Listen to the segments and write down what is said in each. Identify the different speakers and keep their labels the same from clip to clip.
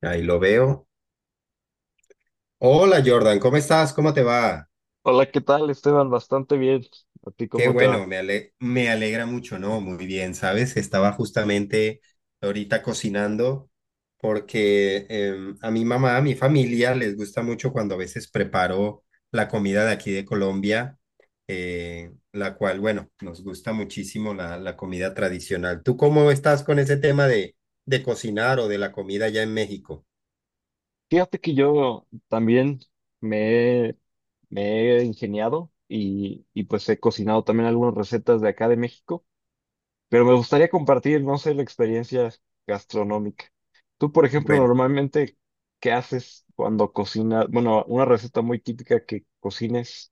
Speaker 1: Ahí lo veo. Hola Jordan, ¿cómo estás? ¿Cómo te va?
Speaker 2: Hola, ¿qué tal, Esteban? Bastante bien. ¿A ti
Speaker 1: Qué
Speaker 2: cómo te
Speaker 1: bueno,
Speaker 2: va?
Speaker 1: me alegra mucho, ¿no? Muy bien, ¿sabes? Estaba justamente ahorita cocinando porque a mi mamá, a mi familia les gusta mucho cuando a veces preparo la comida de aquí de Colombia, la cual, bueno, nos gusta muchísimo la comida tradicional. ¿Tú cómo estás con ese tema de cocinar o de la comida allá en México?
Speaker 2: Fíjate que yo también me, he- me he ingeniado y pues he cocinado también algunas recetas de acá de México, pero me gustaría compartir, no sé, la experiencia gastronómica. Tú, por ejemplo,
Speaker 1: Bueno.
Speaker 2: normalmente, ¿qué haces cuando cocinas? Bueno, una receta muy típica que cocines,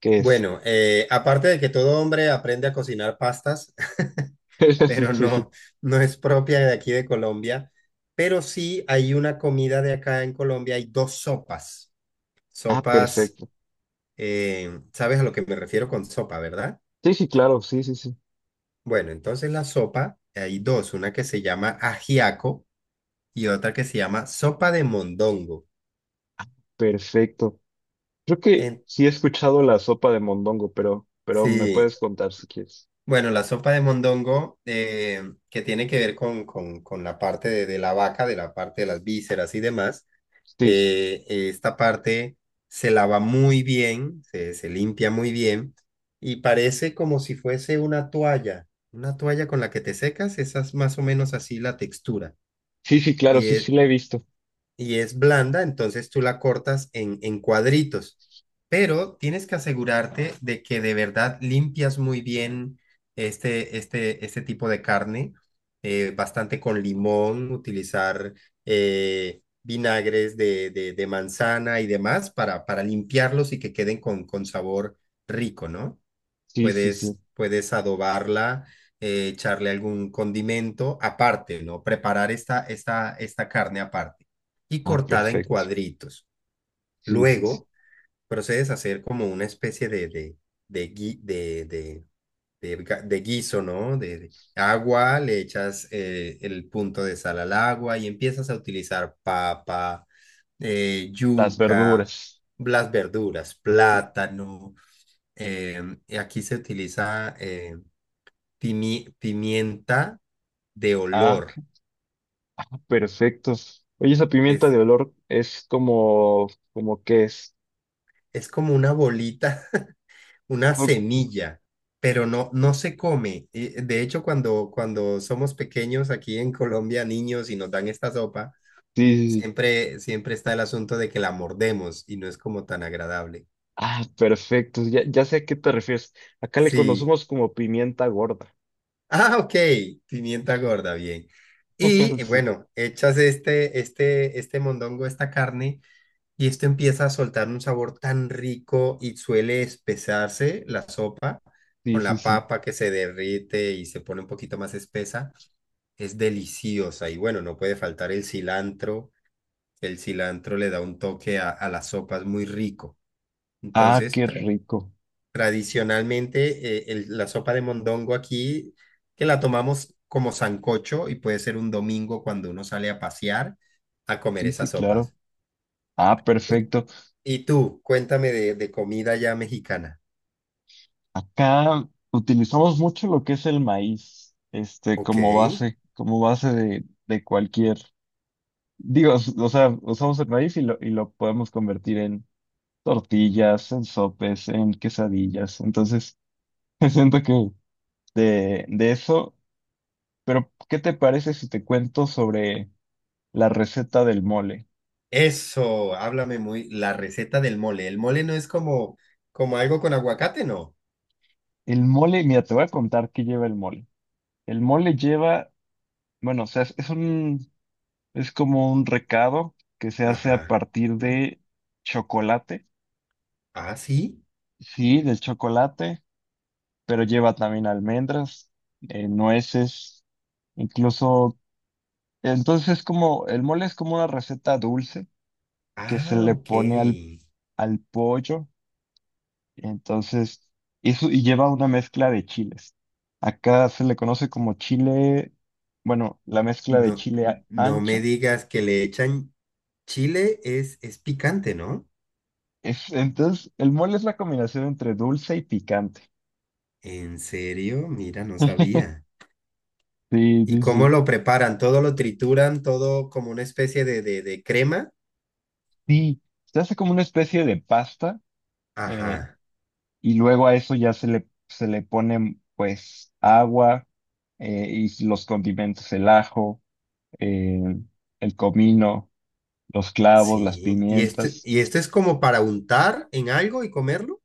Speaker 2: ¿qué es?
Speaker 1: Bueno, aparte de que todo hombre aprende a cocinar pastas, pero
Speaker 2: Sí.
Speaker 1: no, no es propia de aquí de Colombia, pero sí hay una comida de acá en Colombia, hay dos sopas.
Speaker 2: Ah,
Speaker 1: Sopas,
Speaker 2: perfecto.
Speaker 1: ¿sabes a lo que me refiero con sopa, verdad?
Speaker 2: Sí, sí, claro, sí, sí, sí.
Speaker 1: Bueno, entonces la sopa, hay dos, una que se llama ajiaco y otra que se llama sopa de mondongo.
Speaker 2: Perfecto. Creo que
Speaker 1: En-
Speaker 2: sí he escuchado la sopa de mondongo, pero me
Speaker 1: sí.
Speaker 2: puedes contar si quieres.
Speaker 1: Bueno, la sopa de mondongo, que tiene que ver con la parte de la vaca, de la parte de las vísceras y demás,
Speaker 2: Sí,
Speaker 1: esta parte se lava muy bien, se limpia muy bien y parece como si fuese una toalla con la que te secas, esa es más o menos así la textura.
Speaker 2: sí, sí, claro,
Speaker 1: Y
Speaker 2: sí, sí
Speaker 1: es,
Speaker 2: la he visto.
Speaker 1: y es blanda, entonces tú la cortas en cuadritos. Pero tienes que asegurarte de que de verdad limpias muy bien este tipo de carne, bastante con limón, utilizar vinagres de manzana y demás para limpiarlos y que queden con sabor rico, ¿no?
Speaker 2: Sí, sí, sí.
Speaker 1: Puedes, puedes adobarla, echarle algún condimento aparte, ¿no? Preparar esta carne aparte y
Speaker 2: Ah,
Speaker 1: cortada en
Speaker 2: perfecto.
Speaker 1: cuadritos.
Speaker 2: Sí, sí, sí.
Speaker 1: Luego procedes a hacer como una especie de, de, de guiso, ¿no? De agua, le echas el punto de sal al agua y empiezas a utilizar papa,
Speaker 2: Las
Speaker 1: yuca,
Speaker 2: verduras.
Speaker 1: las verduras,
Speaker 2: Sí.
Speaker 1: plátano. Y aquí se utiliza pimienta de
Speaker 2: Ah, ok.
Speaker 1: olor.
Speaker 2: Ah, perfecto. Oye, esa pimienta
Speaker 1: Es,
Speaker 2: de olor es como, como que es.
Speaker 1: es como una bolita, una
Speaker 2: Oh,
Speaker 1: semilla, pero no, no se come. Y de hecho, cuando, cuando somos pequeños aquí en Colombia, niños, y nos dan esta sopa,
Speaker 2: sí, sí, sí.
Speaker 1: siempre, siempre está el asunto de que la mordemos y no es como tan agradable.
Speaker 2: Ah, perfecto. Ya, ya sé a qué te refieres. Acá le
Speaker 1: Sí.
Speaker 2: conocemos como pimienta gorda.
Speaker 1: Ah, ok. Pimienta gorda, bien. Y
Speaker 2: Sí,
Speaker 1: bueno, echas este mondongo, esta carne. Y esto empieza a soltar un sabor tan rico y suele espesarse la sopa
Speaker 2: sí,
Speaker 1: con
Speaker 2: sí,
Speaker 1: la
Speaker 2: sí.
Speaker 1: papa que se derrite y se pone un poquito más espesa. Es deliciosa y bueno, no puede faltar el cilantro. El cilantro le da un toque a las sopas muy rico.
Speaker 2: Ah,
Speaker 1: Entonces,
Speaker 2: qué rico.
Speaker 1: tradicionalmente, la sopa de mondongo aquí, que la tomamos como sancocho y puede ser un domingo cuando uno sale a pasear a comer
Speaker 2: Sí, sí,
Speaker 1: esas
Speaker 2: claro.
Speaker 1: sopas.
Speaker 2: Ah, perfecto.
Speaker 1: Y tú, cuéntame de comida ya mexicana.
Speaker 2: Acá utilizamos mucho lo que es el maíz, este,
Speaker 1: Ok.
Speaker 2: como base de cualquier, digo, o sea, usamos el maíz y lo podemos convertir en tortillas, en sopes, en quesadillas. Entonces, siento que de eso, pero ¿qué te parece si te cuento sobre la receta del mole?
Speaker 1: Eso, háblame muy. La receta del mole. El mole no es como, como algo con aguacate, ¿no?
Speaker 2: El mole, mira, te voy a contar qué lleva el mole. El mole lleva, bueno, o sea, es un. Es como un recado que se hace a
Speaker 1: Ajá.
Speaker 2: partir de chocolate.
Speaker 1: Ah, sí.
Speaker 2: Sí, del chocolate, pero lleva también almendras, nueces, incluso... Entonces, como el mole es como una receta dulce que se
Speaker 1: Ah,
Speaker 2: le
Speaker 1: ok.
Speaker 2: pone al pollo, entonces, eso, y lleva una mezcla de chiles. Acá se le conoce como chile, bueno, la mezcla de
Speaker 1: No, no me
Speaker 2: ancho.
Speaker 1: digas que le echan chile, es picante, ¿no?
Speaker 2: Es, entonces, el mole es la combinación entre dulce y picante.
Speaker 1: En serio, mira, no sabía.
Speaker 2: Sí,
Speaker 1: ¿Y
Speaker 2: sí,
Speaker 1: cómo
Speaker 2: sí.
Speaker 1: lo preparan? ¿Todo lo trituran? ¿Todo como una especie de crema?
Speaker 2: Sí, se hace como una especie de pasta eh,
Speaker 1: Ajá,
Speaker 2: y luego a eso ya se le pone pues agua, y los condimentos, el ajo, eh, el comino, los clavos, las
Speaker 1: sí.
Speaker 2: pimientas.
Speaker 1: Y esto es como para untar en algo y comerlo?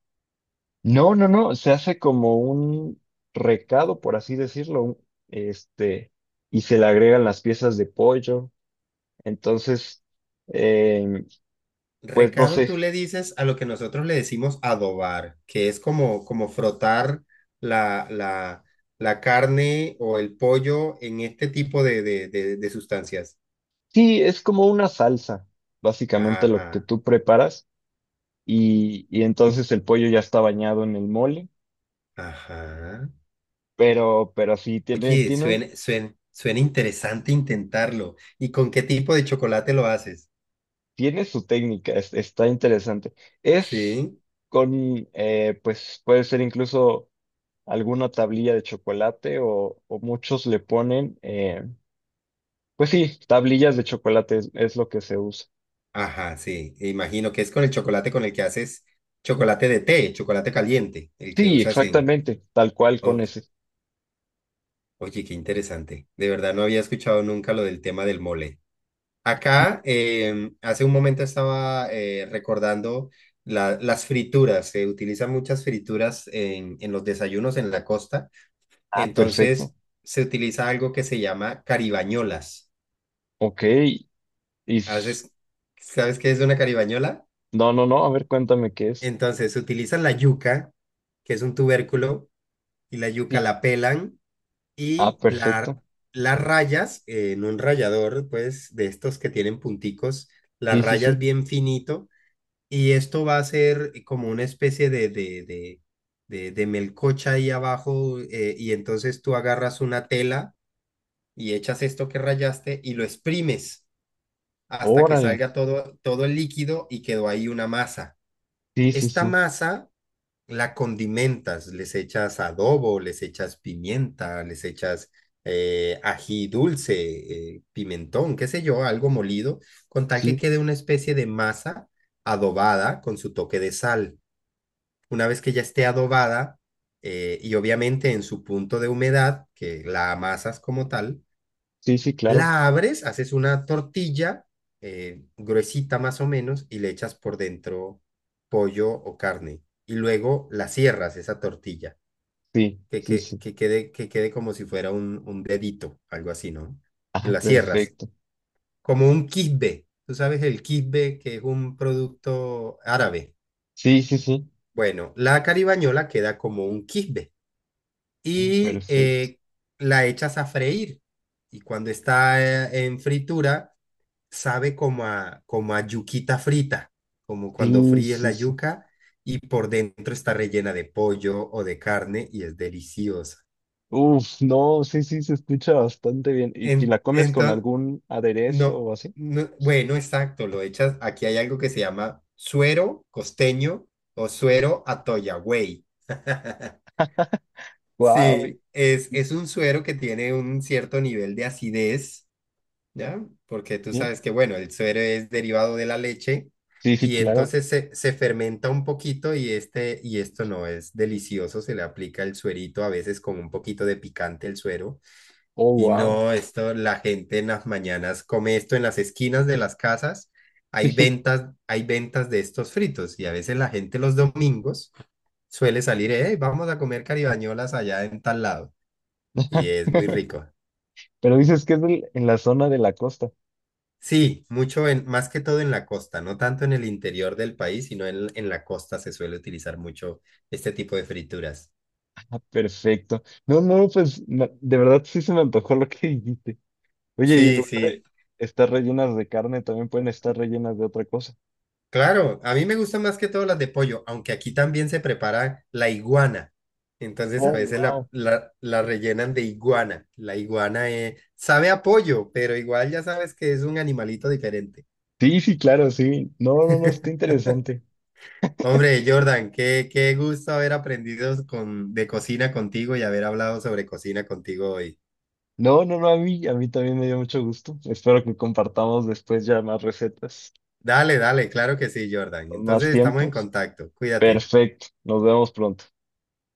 Speaker 2: No, no, no, se hace como un recado, por así decirlo, un, este, y se le agregan las piezas de pollo. Entonces, eh, pues no
Speaker 1: Recado
Speaker 2: sé.
Speaker 1: tú le dices a lo que nosotros le decimos adobar, que es como, como frotar la, la, la carne o el pollo en este tipo de sustancias.
Speaker 2: Sí, es como una salsa, básicamente lo que
Speaker 1: Ajá,
Speaker 2: tú preparas y entonces el pollo ya está bañado en el mole,
Speaker 1: ajá.
Speaker 2: pero sí,
Speaker 1: Oye,
Speaker 2: tiene
Speaker 1: suena,
Speaker 2: un,
Speaker 1: suena, suena interesante intentarlo. ¿Y con qué tipo de chocolate lo haces?
Speaker 2: tiene su técnica, está interesante. Es
Speaker 1: Sí.
Speaker 2: con, pues puede ser incluso alguna tablilla de chocolate o muchos le ponen, pues sí, tablillas de chocolate es lo que se usa.
Speaker 1: Ajá, sí. E imagino que es con el chocolate con el que haces chocolate de té, chocolate caliente, el que
Speaker 2: Sí,
Speaker 1: usas en...
Speaker 2: exactamente, tal cual con
Speaker 1: Ok.
Speaker 2: ese.
Speaker 1: Oye, qué interesante. De verdad no había escuchado nunca lo del tema del mole. Acá, hace un momento estaba recordando las frituras. Se utilizan muchas frituras en los desayunos en la costa.
Speaker 2: Ah, perfecto.
Speaker 1: Entonces, se utiliza algo que se llama caribañolas.
Speaker 2: Ok, y...
Speaker 1: ¿Haces, sabes qué es una caribañola?
Speaker 2: No, no, no, a ver, cuéntame qué es.
Speaker 1: Entonces, se utilizan la yuca, que es un tubérculo, y la yuca
Speaker 2: Sí.
Speaker 1: la pelan.
Speaker 2: Ah,
Speaker 1: Y la-
Speaker 2: perfecto.
Speaker 1: las rayas en un rallador, pues de estos que tienen punticos, las
Speaker 2: Sí, sí,
Speaker 1: rayas
Speaker 2: sí.
Speaker 1: bien finito. Y esto va a ser como una especie de melcocha ahí abajo. Y entonces tú agarras una tela y echas esto que rayaste y lo exprimes hasta que
Speaker 2: Órale.
Speaker 1: salga todo, todo el líquido y quedó ahí una masa.
Speaker 2: Sí, sí,
Speaker 1: Esta
Speaker 2: sí.
Speaker 1: masa la condimentas, les echas adobo, les echas pimienta, les echas ají dulce, pimentón, qué sé yo, algo molido, con tal que
Speaker 2: Sí,
Speaker 1: quede una especie de masa adobada con su toque de sal. Una vez que ya esté adobada y obviamente en su punto de humedad, que la amasas como tal,
Speaker 2: sí, sí, claro.
Speaker 1: la abres, haces una tortilla gruesita más o menos y le echas por dentro pollo o carne. Y luego la cierras, esa tortilla,
Speaker 2: Sí, sí, sí.
Speaker 1: que quede como si fuera un dedito, algo así, ¿no? Y
Speaker 2: Ah,
Speaker 1: la cierras,
Speaker 2: perfecto.
Speaker 1: como un quisbe. Tú sabes el quisbe, que es un producto árabe.
Speaker 2: Sí, sí, sí.
Speaker 1: Bueno, la caribañola queda como un quisbe.
Speaker 2: Ah,
Speaker 1: Y
Speaker 2: perfecto.
Speaker 1: la echas a freír. Y cuando está en fritura sabe como a, como a yuquita frita, como cuando
Speaker 2: Sí,
Speaker 1: fríes la
Speaker 2: sí, sí.
Speaker 1: yuca y por dentro está rellena de pollo o de carne y es deliciosa.
Speaker 2: Uf, no, sí, sí, se escucha bastante bien. Y la comes con
Speaker 1: Entonces,
Speaker 2: algún aderezo
Speaker 1: no,
Speaker 2: o así?
Speaker 1: no, bueno, exacto, lo echas, aquí hay algo que se llama suero costeño o suero atoyagüey.
Speaker 2: Wow.
Speaker 1: Sí, es un suero que tiene un cierto nivel de acidez, ¿ya? Porque tú
Speaker 2: Sí,
Speaker 1: sabes que, bueno, el suero es derivado de la leche
Speaker 2: sí, sí,
Speaker 1: y
Speaker 2: claro.
Speaker 1: entonces se fermenta un poquito y, este, y esto no es delicioso, se le aplica el suerito a veces con un poquito de picante el suero
Speaker 2: Oh,
Speaker 1: y
Speaker 2: wow.
Speaker 1: no, esto la gente en las mañanas come esto en las esquinas de las casas. Hay ventas de estos fritos y a veces la gente los domingos suele salir, hey, vamos a comer caribañolas allá en tal lado y es muy rico.
Speaker 2: Pero dices que es en la zona de la costa.
Speaker 1: Sí, mucho en, más que todo en la costa, no tanto en el interior del país, sino en la costa se suele utilizar mucho este tipo de frituras.
Speaker 2: Perfecto. No, no, pues de verdad sí se me antojó lo que dijiste. Oye, y en
Speaker 1: Sí,
Speaker 2: lugar
Speaker 1: sí,
Speaker 2: de estar rellenas de carne, también pueden estar rellenas de otra cosa.
Speaker 1: claro, a mí me gustan más que todo las de pollo, aunque aquí también se prepara la iguana. Entonces a
Speaker 2: Oh,
Speaker 1: veces la,
Speaker 2: wow.
Speaker 1: la, la rellenan de iguana. La iguana sabe a pollo, pero igual ya sabes que es un animalito diferente.
Speaker 2: Sí, sí, claro, sí. No, no, no, está interesante.
Speaker 1: Hombre, Jordan, qué, qué gusto haber aprendido con, de cocina contigo y haber hablado sobre cocina contigo hoy.
Speaker 2: No, no, no, a mí también me dio mucho gusto. Espero que compartamos después ya más recetas,
Speaker 1: Dale, dale, claro que sí, Jordan.
Speaker 2: con más
Speaker 1: Entonces estamos en
Speaker 2: tiempos.
Speaker 1: contacto. Cuídate.
Speaker 2: Perfecto. Nos vemos pronto.